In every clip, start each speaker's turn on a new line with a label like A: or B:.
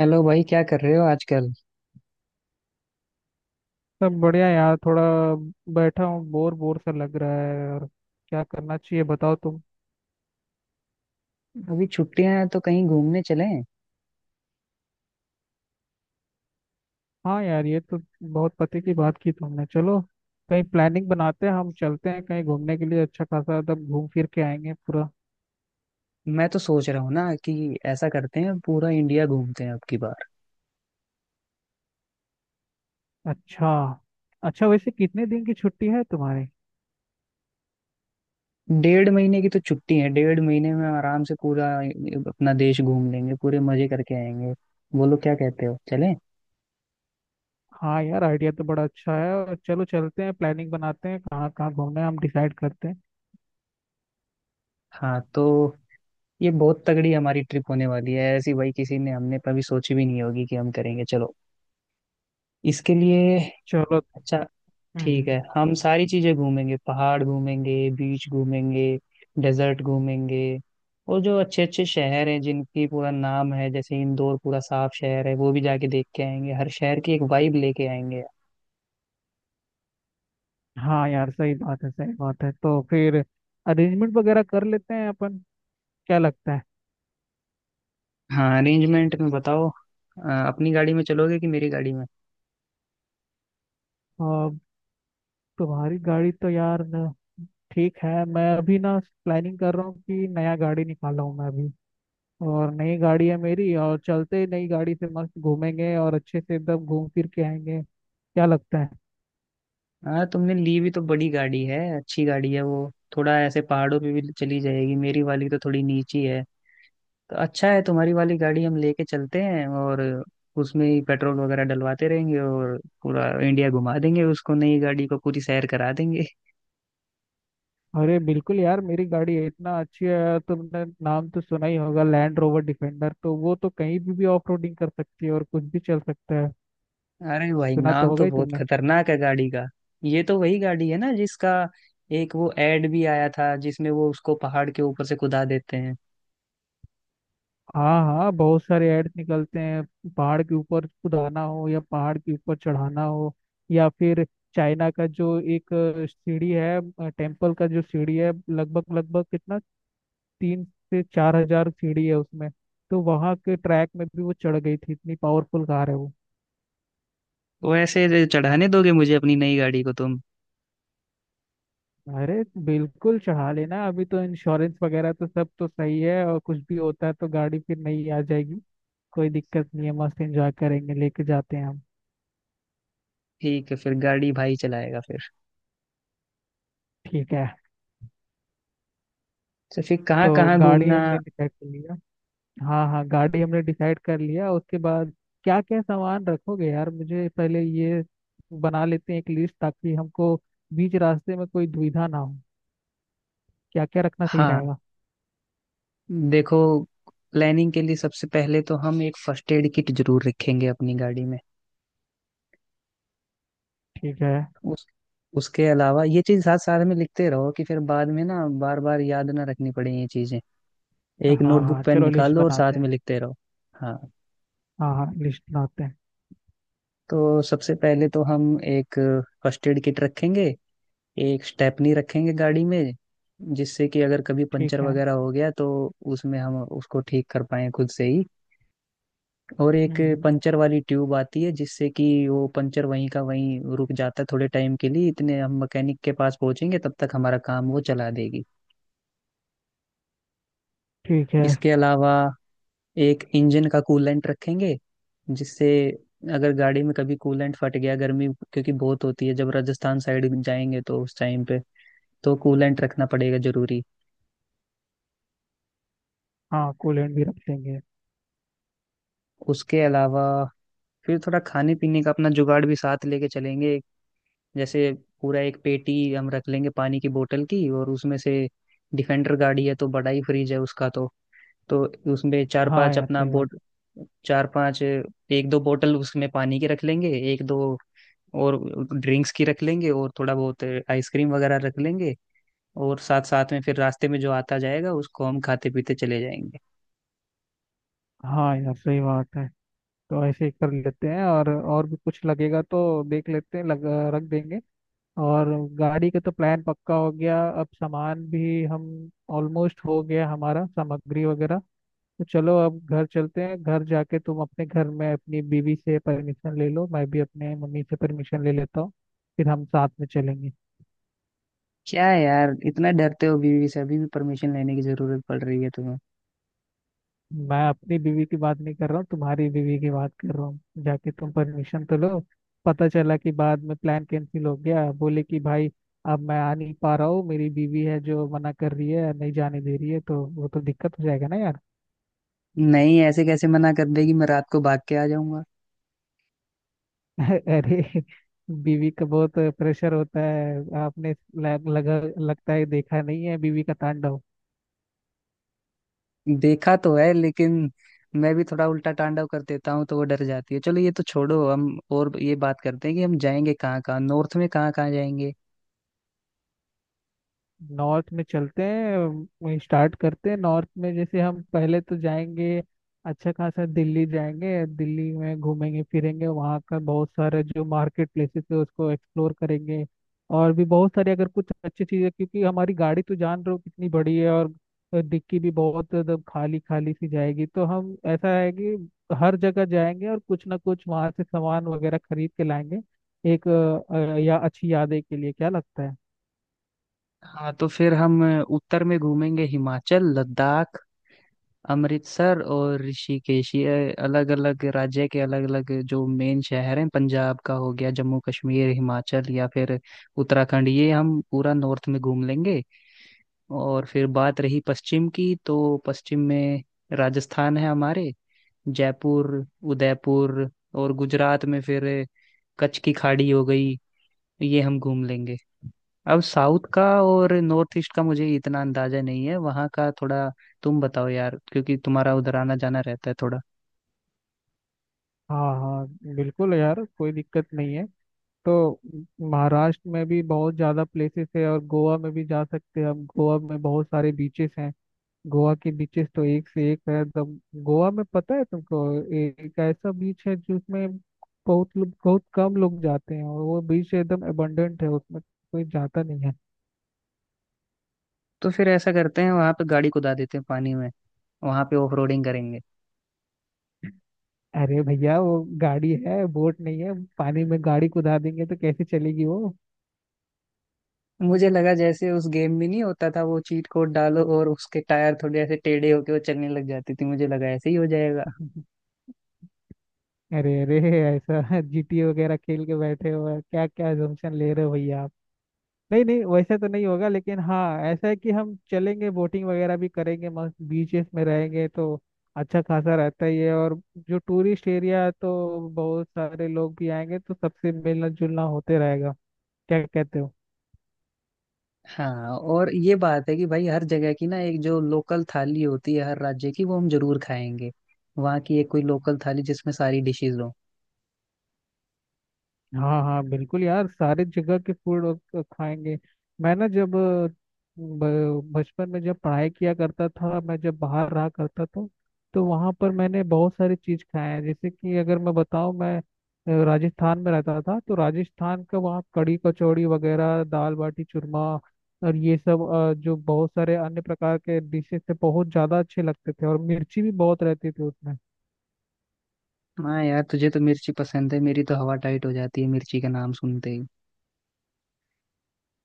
A: Hello भाई, क्या कर रहे हो आजकल।
B: सब बढ़िया यार। थोड़ा बैठा हूँ, बोर बोर सा लग रहा है। और क्या करना चाहिए, बताओ तुम।
A: अभी छुट्टियां हैं तो कहीं घूमने चलें।
B: हाँ यार, ये तो बहुत पते की बात की तुमने। चलो कहीं प्लानिंग बनाते हैं, हम चलते हैं कहीं घूमने के लिए। अच्छा खासा तब घूम फिर के आएंगे पूरा।
A: मैं तो सोच रहा हूँ ना कि ऐसा करते हैं, पूरा इंडिया घूमते हैं अब की बार।
B: अच्छा। अच्छा, वैसे कितने दिन की छुट्टी है तुम्हारी?
A: डेढ़ महीने की तो छुट्टी है, 1.5 महीने में आराम से पूरा अपना देश घूम लेंगे, पूरे मजे करके आएंगे। बोलो क्या कहते हो, चलें?
B: हाँ यार, आइडिया तो बड़ा अच्छा है। और चलो चलते हैं, प्लानिंग बनाते हैं कहाँ कहाँ घूमना है, हम डिसाइड करते हैं।
A: हाँ तो ये बहुत तगड़ी हमारी ट्रिप होने वाली है, ऐसी भाई किसी ने, हमने कभी सोची भी नहीं होगी कि हम करेंगे। चलो इसके लिए।
B: चलो।
A: अच्छा, ठीक
B: हम्म।
A: है। हम सारी चीजें घूमेंगे, पहाड़ घूमेंगे, बीच घूमेंगे, डेजर्ट घूमेंगे। और जो अच्छे अच्छे शहर हैं जिनकी पूरा नाम है, जैसे इंदौर पूरा साफ शहर है, वो भी जाके देख के आएंगे। हर शहर की एक वाइब लेके आएंगे।
B: हाँ यार, सही बात है, सही बात है। तो फिर अरेंजमेंट वगैरह कर लेते हैं अपन। क्या लगता है?
A: हाँ, अरेंजमेंट में बताओ, अपनी गाड़ी में चलोगे कि मेरी गाड़ी में?
B: और तुम्हारी गाड़ी तो यार ठीक है। मैं अभी ना प्लानिंग कर रहा हूँ कि नया गाड़ी निकाला हूँ मैं अभी। और नई गाड़ी है मेरी, और चलते ही नई गाड़ी से मस्त घूमेंगे और अच्छे से एकदम घूम फिर के आएंगे। क्या लगता है?
A: हाँ, तुमने ली भी तो बड़ी गाड़ी है, अच्छी गाड़ी है वो, थोड़ा ऐसे पहाड़ों पे भी चली जाएगी। मेरी वाली तो थोड़ी नीची है, तो अच्छा है, तुम्हारी वाली गाड़ी हम लेके चलते हैं और उसमें ही पेट्रोल वगैरह डलवाते रहेंगे। और पूरा इंडिया घुमा देंगे उसको, नई गाड़ी को पूरी सैर करा देंगे।
B: अरे बिल्कुल यार, मेरी गाड़ी है इतना अच्छी है। तुमने नाम तो सुना ही होगा, लैंड रोवर डिफेंडर। तो वो तो कहीं भी ऑफ रोडिंग कर सकती है और कुछ भी चल सकता है।
A: अरे भाई,
B: सुना तो
A: नाम
B: होगा
A: तो
B: ही
A: बहुत
B: तुमने।
A: खतरनाक है गाड़ी का। ये तो वही गाड़ी है ना जिसका एक वो एड भी आया था जिसमें वो उसको पहाड़ के ऊपर से कुदा देते हैं।
B: हाँ हाँ, बहुत सारे एड्स निकलते हैं। पहाड़ के ऊपर कुदाना हो या पहाड़ के ऊपर चढ़ाना हो, या फिर चाइना का जो एक सीढ़ी है, टेम्पल का जो सीढ़ी है, लगभग लगभग कितना 3 से 4 हजार सीढ़ी है उसमें। तो वहाँ के ट्रैक में भी वो चढ़ गई थी, इतनी पावरफुल कार है वो।
A: वैसे चढ़ाने दोगे मुझे अपनी नई गाड़ी को तुम?
B: अरे बिल्कुल चढ़ा लेना। अभी तो इंश्योरेंस वगैरह तो सब तो सही है और कुछ भी होता है तो गाड़ी फिर नई आ जाएगी। कोई दिक्कत नहीं है, मस्त एंजॉय करेंगे, लेके जाते हैं हम।
A: ठीक है, फिर गाड़ी भाई चलाएगा फिर।
B: ठीक है।
A: तो फिर कहाँ
B: तो
A: कहाँ
B: गाड़ी
A: घूमना।
B: हमने डिसाइड कर लिया। हाँ हाँ, गाड़ी हमने डिसाइड कर लिया। उसके बाद क्या क्या सामान रखोगे यार? मुझे पहले ये बना लेते हैं एक लिस्ट, ताकि हमको बीच रास्ते में कोई दुविधा ना हो। क्या क्या रखना सही
A: हाँ,
B: रहेगा?
A: देखो, प्लानिंग के लिए सबसे पहले तो हम एक फर्स्ट एड किट जरूर रखेंगे अपनी गाड़ी में।
B: ठीक है।
A: उस उसके अलावा ये चीज साथ साथ में लिखते रहो कि फिर बाद में ना बार बार याद ना रखनी पड़े ये चीजें। एक
B: हाँ हाँ,
A: नोटबुक पेन
B: चलो
A: निकाल
B: लिस्ट
A: लो और
B: बनाते
A: साथ में
B: हैं।
A: लिखते रहो। हाँ,
B: हाँ हाँ, लिस्ट बनाते हैं।
A: तो सबसे पहले तो हम एक फर्स्ट एड किट रखेंगे। एक स्टेपनी रखेंगे गाड़ी में, जिससे कि अगर कभी पंचर
B: ठीक है।
A: वगैरह हो गया तो उसमें हम उसको ठीक कर पाए खुद से ही। और एक
B: हम्म।
A: पंचर वाली ट्यूब आती है, जिससे कि वो पंचर वहीं का वहीं रुक जाता है थोड़े टाइम के लिए, इतने हम मैकेनिक के पास पहुंचेंगे, तब तक हमारा काम वो चला देगी।
B: ठीक है।
A: इसके अलावा एक इंजन का कूलेंट रखेंगे, जिससे अगर गाड़ी में कभी कूलेंट फट गया, गर्मी क्योंकि बहुत होती है जब राजस्थान साइड जाएंगे तो उस टाइम पे, तो कूलेंट रखना पड़ेगा जरूरी।
B: हाँ, कूलेंट भी रख लेंगे।
A: उसके अलावा फिर थोड़ा खाने पीने का अपना जुगाड़ भी साथ लेके चलेंगे। जैसे पूरा एक पेटी हम रख लेंगे पानी की बोतल की, और उसमें से, डिफेंडर गाड़ी है तो बड़ा ही फ्रिज है उसका, तो उसमें चार
B: हाँ
A: पांच
B: यार
A: अपना
B: सही बात।
A: बोट, चार पांच, एक दो बोतल उसमें पानी की रख लेंगे, एक दो और ड्रिंक्स की रख लेंगे, और थोड़ा बहुत आइसक्रीम वगैरह रख लेंगे। और साथ साथ में फिर रास्ते में जो आता जाएगा उसको हम खाते पीते चले जाएंगे।
B: हाँ यार, सही बात है। तो ऐसे ही कर लेते हैं, और भी कुछ लगेगा तो देख लेते हैं, रख देंगे। और गाड़ी का तो प्लान पक्का हो गया, अब सामान भी हम ऑलमोस्ट हो गया हमारा, सामग्री वगैरह। तो चलो, अब घर चलते हैं। घर जाके तुम अपने घर में अपनी बीवी से परमिशन ले लो, मैं भी अपने मम्मी से परमिशन ले लेता हूँ। फिर हम साथ में चलेंगे।
A: क्या है यार, इतना डरते हो बीवी से? अभी भी परमिशन लेने की जरूरत पड़ रही है तुम्हें?
B: मैं अपनी बीवी की बात नहीं कर रहा हूँ, तुम्हारी बीवी की बात कर रहा हूँ। जाके तुम परमिशन तो लो। पता चला कि बाद में प्लान कैंसिल हो गया, बोले कि भाई अब मैं आ नहीं पा रहा हूँ, मेरी बीवी है जो मना कर रही है, नहीं जाने दे रही है। तो वो तो दिक्कत हो जाएगा ना यार।
A: नहीं, ऐसे कैसे मना कर देगी, मैं रात को भाग के आ जाऊंगा।
B: अरे, बीवी का बहुत प्रेशर होता है। आपने लग, लगा लगता है देखा नहीं है बीवी का तांडव।
A: देखा तो है, लेकिन मैं भी थोड़ा उल्टा तांडव कर देता हूँ तो वो डर जाती है। चलो, ये तो छोड़ो, हम और ये बात करते हैं कि हम जाएंगे कहाँ कहाँ, नॉर्थ में कहाँ कहाँ जाएंगे।
B: नॉर्थ में चलते हैं, स्टार्ट करते हैं नॉर्थ में। जैसे हम पहले तो जाएंगे अच्छा खासा दिल्ली, जाएंगे दिल्ली में, घूमेंगे फिरेंगे, वहाँ का बहुत सारे जो मार्केट प्लेसेस है उसको एक्सप्लोर करेंगे। और भी बहुत सारे, अगर कुछ अच्छी चीज़ें, क्योंकि हमारी गाड़ी तो जान रहे हो कितनी बड़ी है। और डिक्की भी बहुत एकदम खाली खाली सी जाएगी। तो हम ऐसा है कि हर जगह जाएंगे और कुछ ना कुछ वहाँ से सामान वगैरह खरीद के लाएंगे एक या अच्छी यादें के लिए। क्या लगता है?
A: हाँ, तो फिर हम उत्तर में घूमेंगे, हिमाचल, लद्दाख, अमृतसर और ऋषिकेश, ये अलग अलग राज्य के अलग अलग जो मेन शहर हैं, पंजाब का हो गया, जम्मू कश्मीर, हिमाचल, या फिर उत्तराखंड, ये हम पूरा नॉर्थ में घूम लेंगे। और फिर बात रही पश्चिम की, तो पश्चिम में राजस्थान है हमारे, जयपुर, उदयपुर, और गुजरात में फिर कच्छ की खाड़ी हो गई, ये हम घूम लेंगे। अब साउथ का और नॉर्थ ईस्ट का मुझे इतना अंदाजा नहीं है वहाँ का थोड़ा, तुम बताओ यार, क्योंकि तुम्हारा उधर आना जाना रहता है थोड़ा।
B: हाँ हाँ बिल्कुल यार, कोई दिक्कत नहीं है। तो महाराष्ट्र में भी बहुत ज़्यादा प्लेसेस है, और गोवा में भी जा सकते हैं हम। गोवा में बहुत सारे बीचेस हैं, गोवा के बीचेस तो एक से एक है। तो गोवा में पता है तुमको, एक ऐसा बीच है जिसमें बहुत लोग, बहुत कम लोग जाते हैं, और वो बीच एकदम एबंडेंट है, उसमें कोई जाता नहीं है।
A: तो फिर ऐसा करते हैं, वहाँ पे गाड़ी कुदा देते हैं पानी में, वहाँ पे ऑफ रोडिंग करेंगे।
B: अरे भैया वो गाड़ी है, बोट नहीं है। पानी में गाड़ी कुदा देंगे तो कैसे चलेगी वो?
A: मुझे लगा जैसे उस गेम में नहीं होता था, वो चीट कोड डालो और उसके टायर थोड़े ऐसे टेढ़े होके वो चलने लग जाती थी, मुझे लगा ऐसे ही हो जाएगा।
B: अरे अरे, ऐसा जीटी वगैरह खेल के बैठे हो क्या? क्या assumption ले रहे हो भैया आप? नहीं नहीं, वैसे तो नहीं होगा, लेकिन हाँ, ऐसा है कि हम चलेंगे, बोटिंग वगैरह भी करेंगे, मस्त बीचेस में रहेंगे तो अच्छा खासा रहता ही है। और जो टूरिस्ट एरिया है तो बहुत सारे लोग भी आएंगे तो सबसे मिलना जुलना होते रहेगा। क्या कहते हो?
A: हाँ, और ये बात है कि भाई, हर जगह की ना एक जो लोकल थाली होती है हर राज्य की, वो हम जरूर खाएंगे। वहाँ की एक कोई लोकल थाली जिसमें सारी डिशेज हो।
B: हाँ हाँ बिल्कुल यार, सारे जगह के फूड और खाएंगे। मैं ना जब बचपन में जब पढ़ाई किया करता था, मैं जब बाहर रहा करता था, तो वहाँ पर मैंने बहुत सारी चीज़ खाए हैं। जैसे कि अगर मैं बताऊँ, मैं राजस्थान में रहता था, तो राजस्थान का वहाँ कढ़ी कचौड़ी वगैरह, दाल बाटी चूरमा, और ये सब जो बहुत सारे अन्य प्रकार के डिशेस थे, बहुत ज़्यादा अच्छे लगते थे। और मिर्ची भी बहुत रहती थी उसमें।
A: हाँ यार, तुझे तो मिर्ची पसंद है, मेरी तो हवा टाइट हो जाती है मिर्ची का नाम सुनते ही।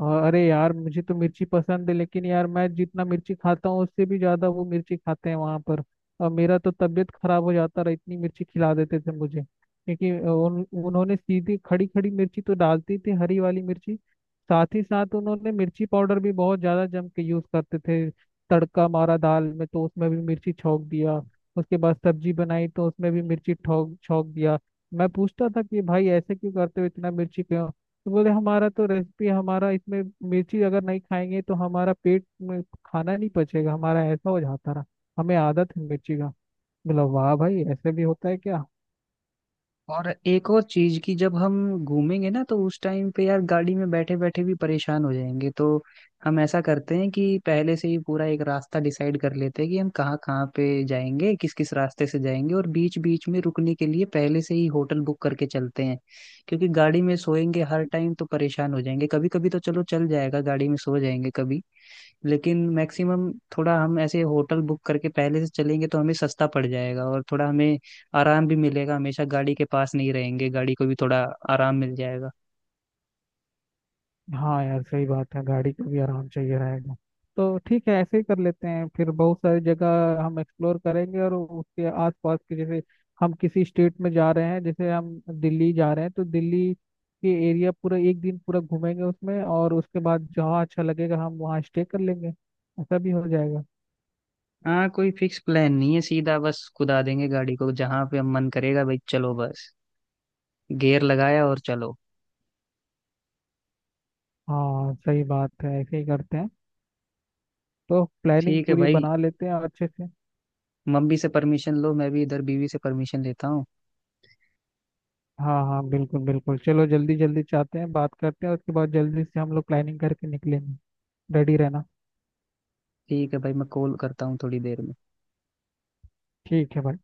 B: और अरे यार, मुझे तो मिर्ची पसंद है, लेकिन यार मैं जितना मिर्ची खाता हूँ उससे भी ज्यादा वो मिर्ची खाते हैं वहां पर। और मेरा तो तबीयत खराब हो जाता रहा, इतनी मिर्ची खिला देते थे मुझे। क्योंकि उन्होंने सीधी खड़ी खड़ी मिर्ची तो डालती थी, हरी वाली मिर्ची। साथ ही साथ उन्होंने मिर्ची पाउडर भी बहुत ज्यादा जम के यूज करते थे। तड़का मारा दाल में तो उसमें भी मिर्ची छौंक दिया, उसके बाद सब्जी बनाई तो उसमें भी मिर्ची ठोक छौंक दिया। मैं पूछता था कि भाई ऐसे क्यों करते हो, इतना मिर्ची क्यों? तो बोले हमारा तो रेसिपी हमारा इसमें, मिर्ची अगर नहीं खाएंगे तो हमारा पेट में खाना नहीं पचेगा। हमारा ऐसा हो जाता रहा, हमें आदत है मिर्ची का। बोला वाह भाई, ऐसे भी होता है क्या?
A: और एक और चीज की जब हम घूमेंगे ना, तो उस टाइम पे यार, गाड़ी में बैठे बैठे भी परेशान हो जाएंगे, तो हम ऐसा करते हैं कि पहले से ही पूरा एक रास्ता डिसाइड कर लेते हैं कि हम कहाँ कहाँ पे जाएंगे, किस किस रास्ते से जाएंगे, और बीच बीच में रुकने के लिए पहले से ही होटल बुक करके चलते हैं। क्योंकि गाड़ी में सोएंगे हर टाइम तो परेशान हो जाएंगे। कभी कभी तो चलो चल जाएगा, गाड़ी में सो जाएंगे कभी, लेकिन मैक्सिमम थोड़ा हम ऐसे होटल बुक करके पहले से चलेंगे तो हमें सस्ता पड़ जाएगा और थोड़ा हमें आराम भी मिलेगा, हमेशा गाड़ी के पास नहीं रहेंगे, गाड़ी को भी थोड़ा आराम मिल जाएगा।
B: हाँ यार सही बात है, गाड़ी को भी आराम चाहिए रहेगा। तो ठीक है, ऐसे ही कर लेते हैं। फिर बहुत सारी जगह हम एक्सप्लोर करेंगे और उसके आसपास के, जैसे हम किसी स्टेट में जा रहे हैं, जैसे हम दिल्ली जा रहे हैं तो दिल्ली के एरिया पूरा एक दिन पूरा घूमेंगे उसमें। और उसके बाद जहाँ अच्छा लगेगा हम वहाँ स्टे कर लेंगे। ऐसा भी हो जाएगा।
A: हाँ, कोई फिक्स प्लान नहीं है, सीधा बस कुदा देंगे गाड़ी को जहाँ पे हम मन करेगा। भाई चलो बस, गियर लगाया और चलो।
B: हाँ सही बात है, ऐसे ही करते हैं। तो प्लानिंग
A: ठीक है
B: पूरी
A: भाई,
B: बना लेते हैं, और अच्छे से।
A: मम्मी से परमिशन लो, मैं भी इधर बीवी से परमिशन लेता हूँ।
B: हाँ हाँ बिल्कुल बिल्कुल, चलो जल्दी जल्दी चाहते हैं बात करते हैं, उसके बाद जल्दी से हम लोग प्लानिंग करके निकलेंगे। रेडी रहना।
A: ठीक है भाई, मैं कॉल करता हूँ थोड़ी देर में।
B: ठीक है भाई।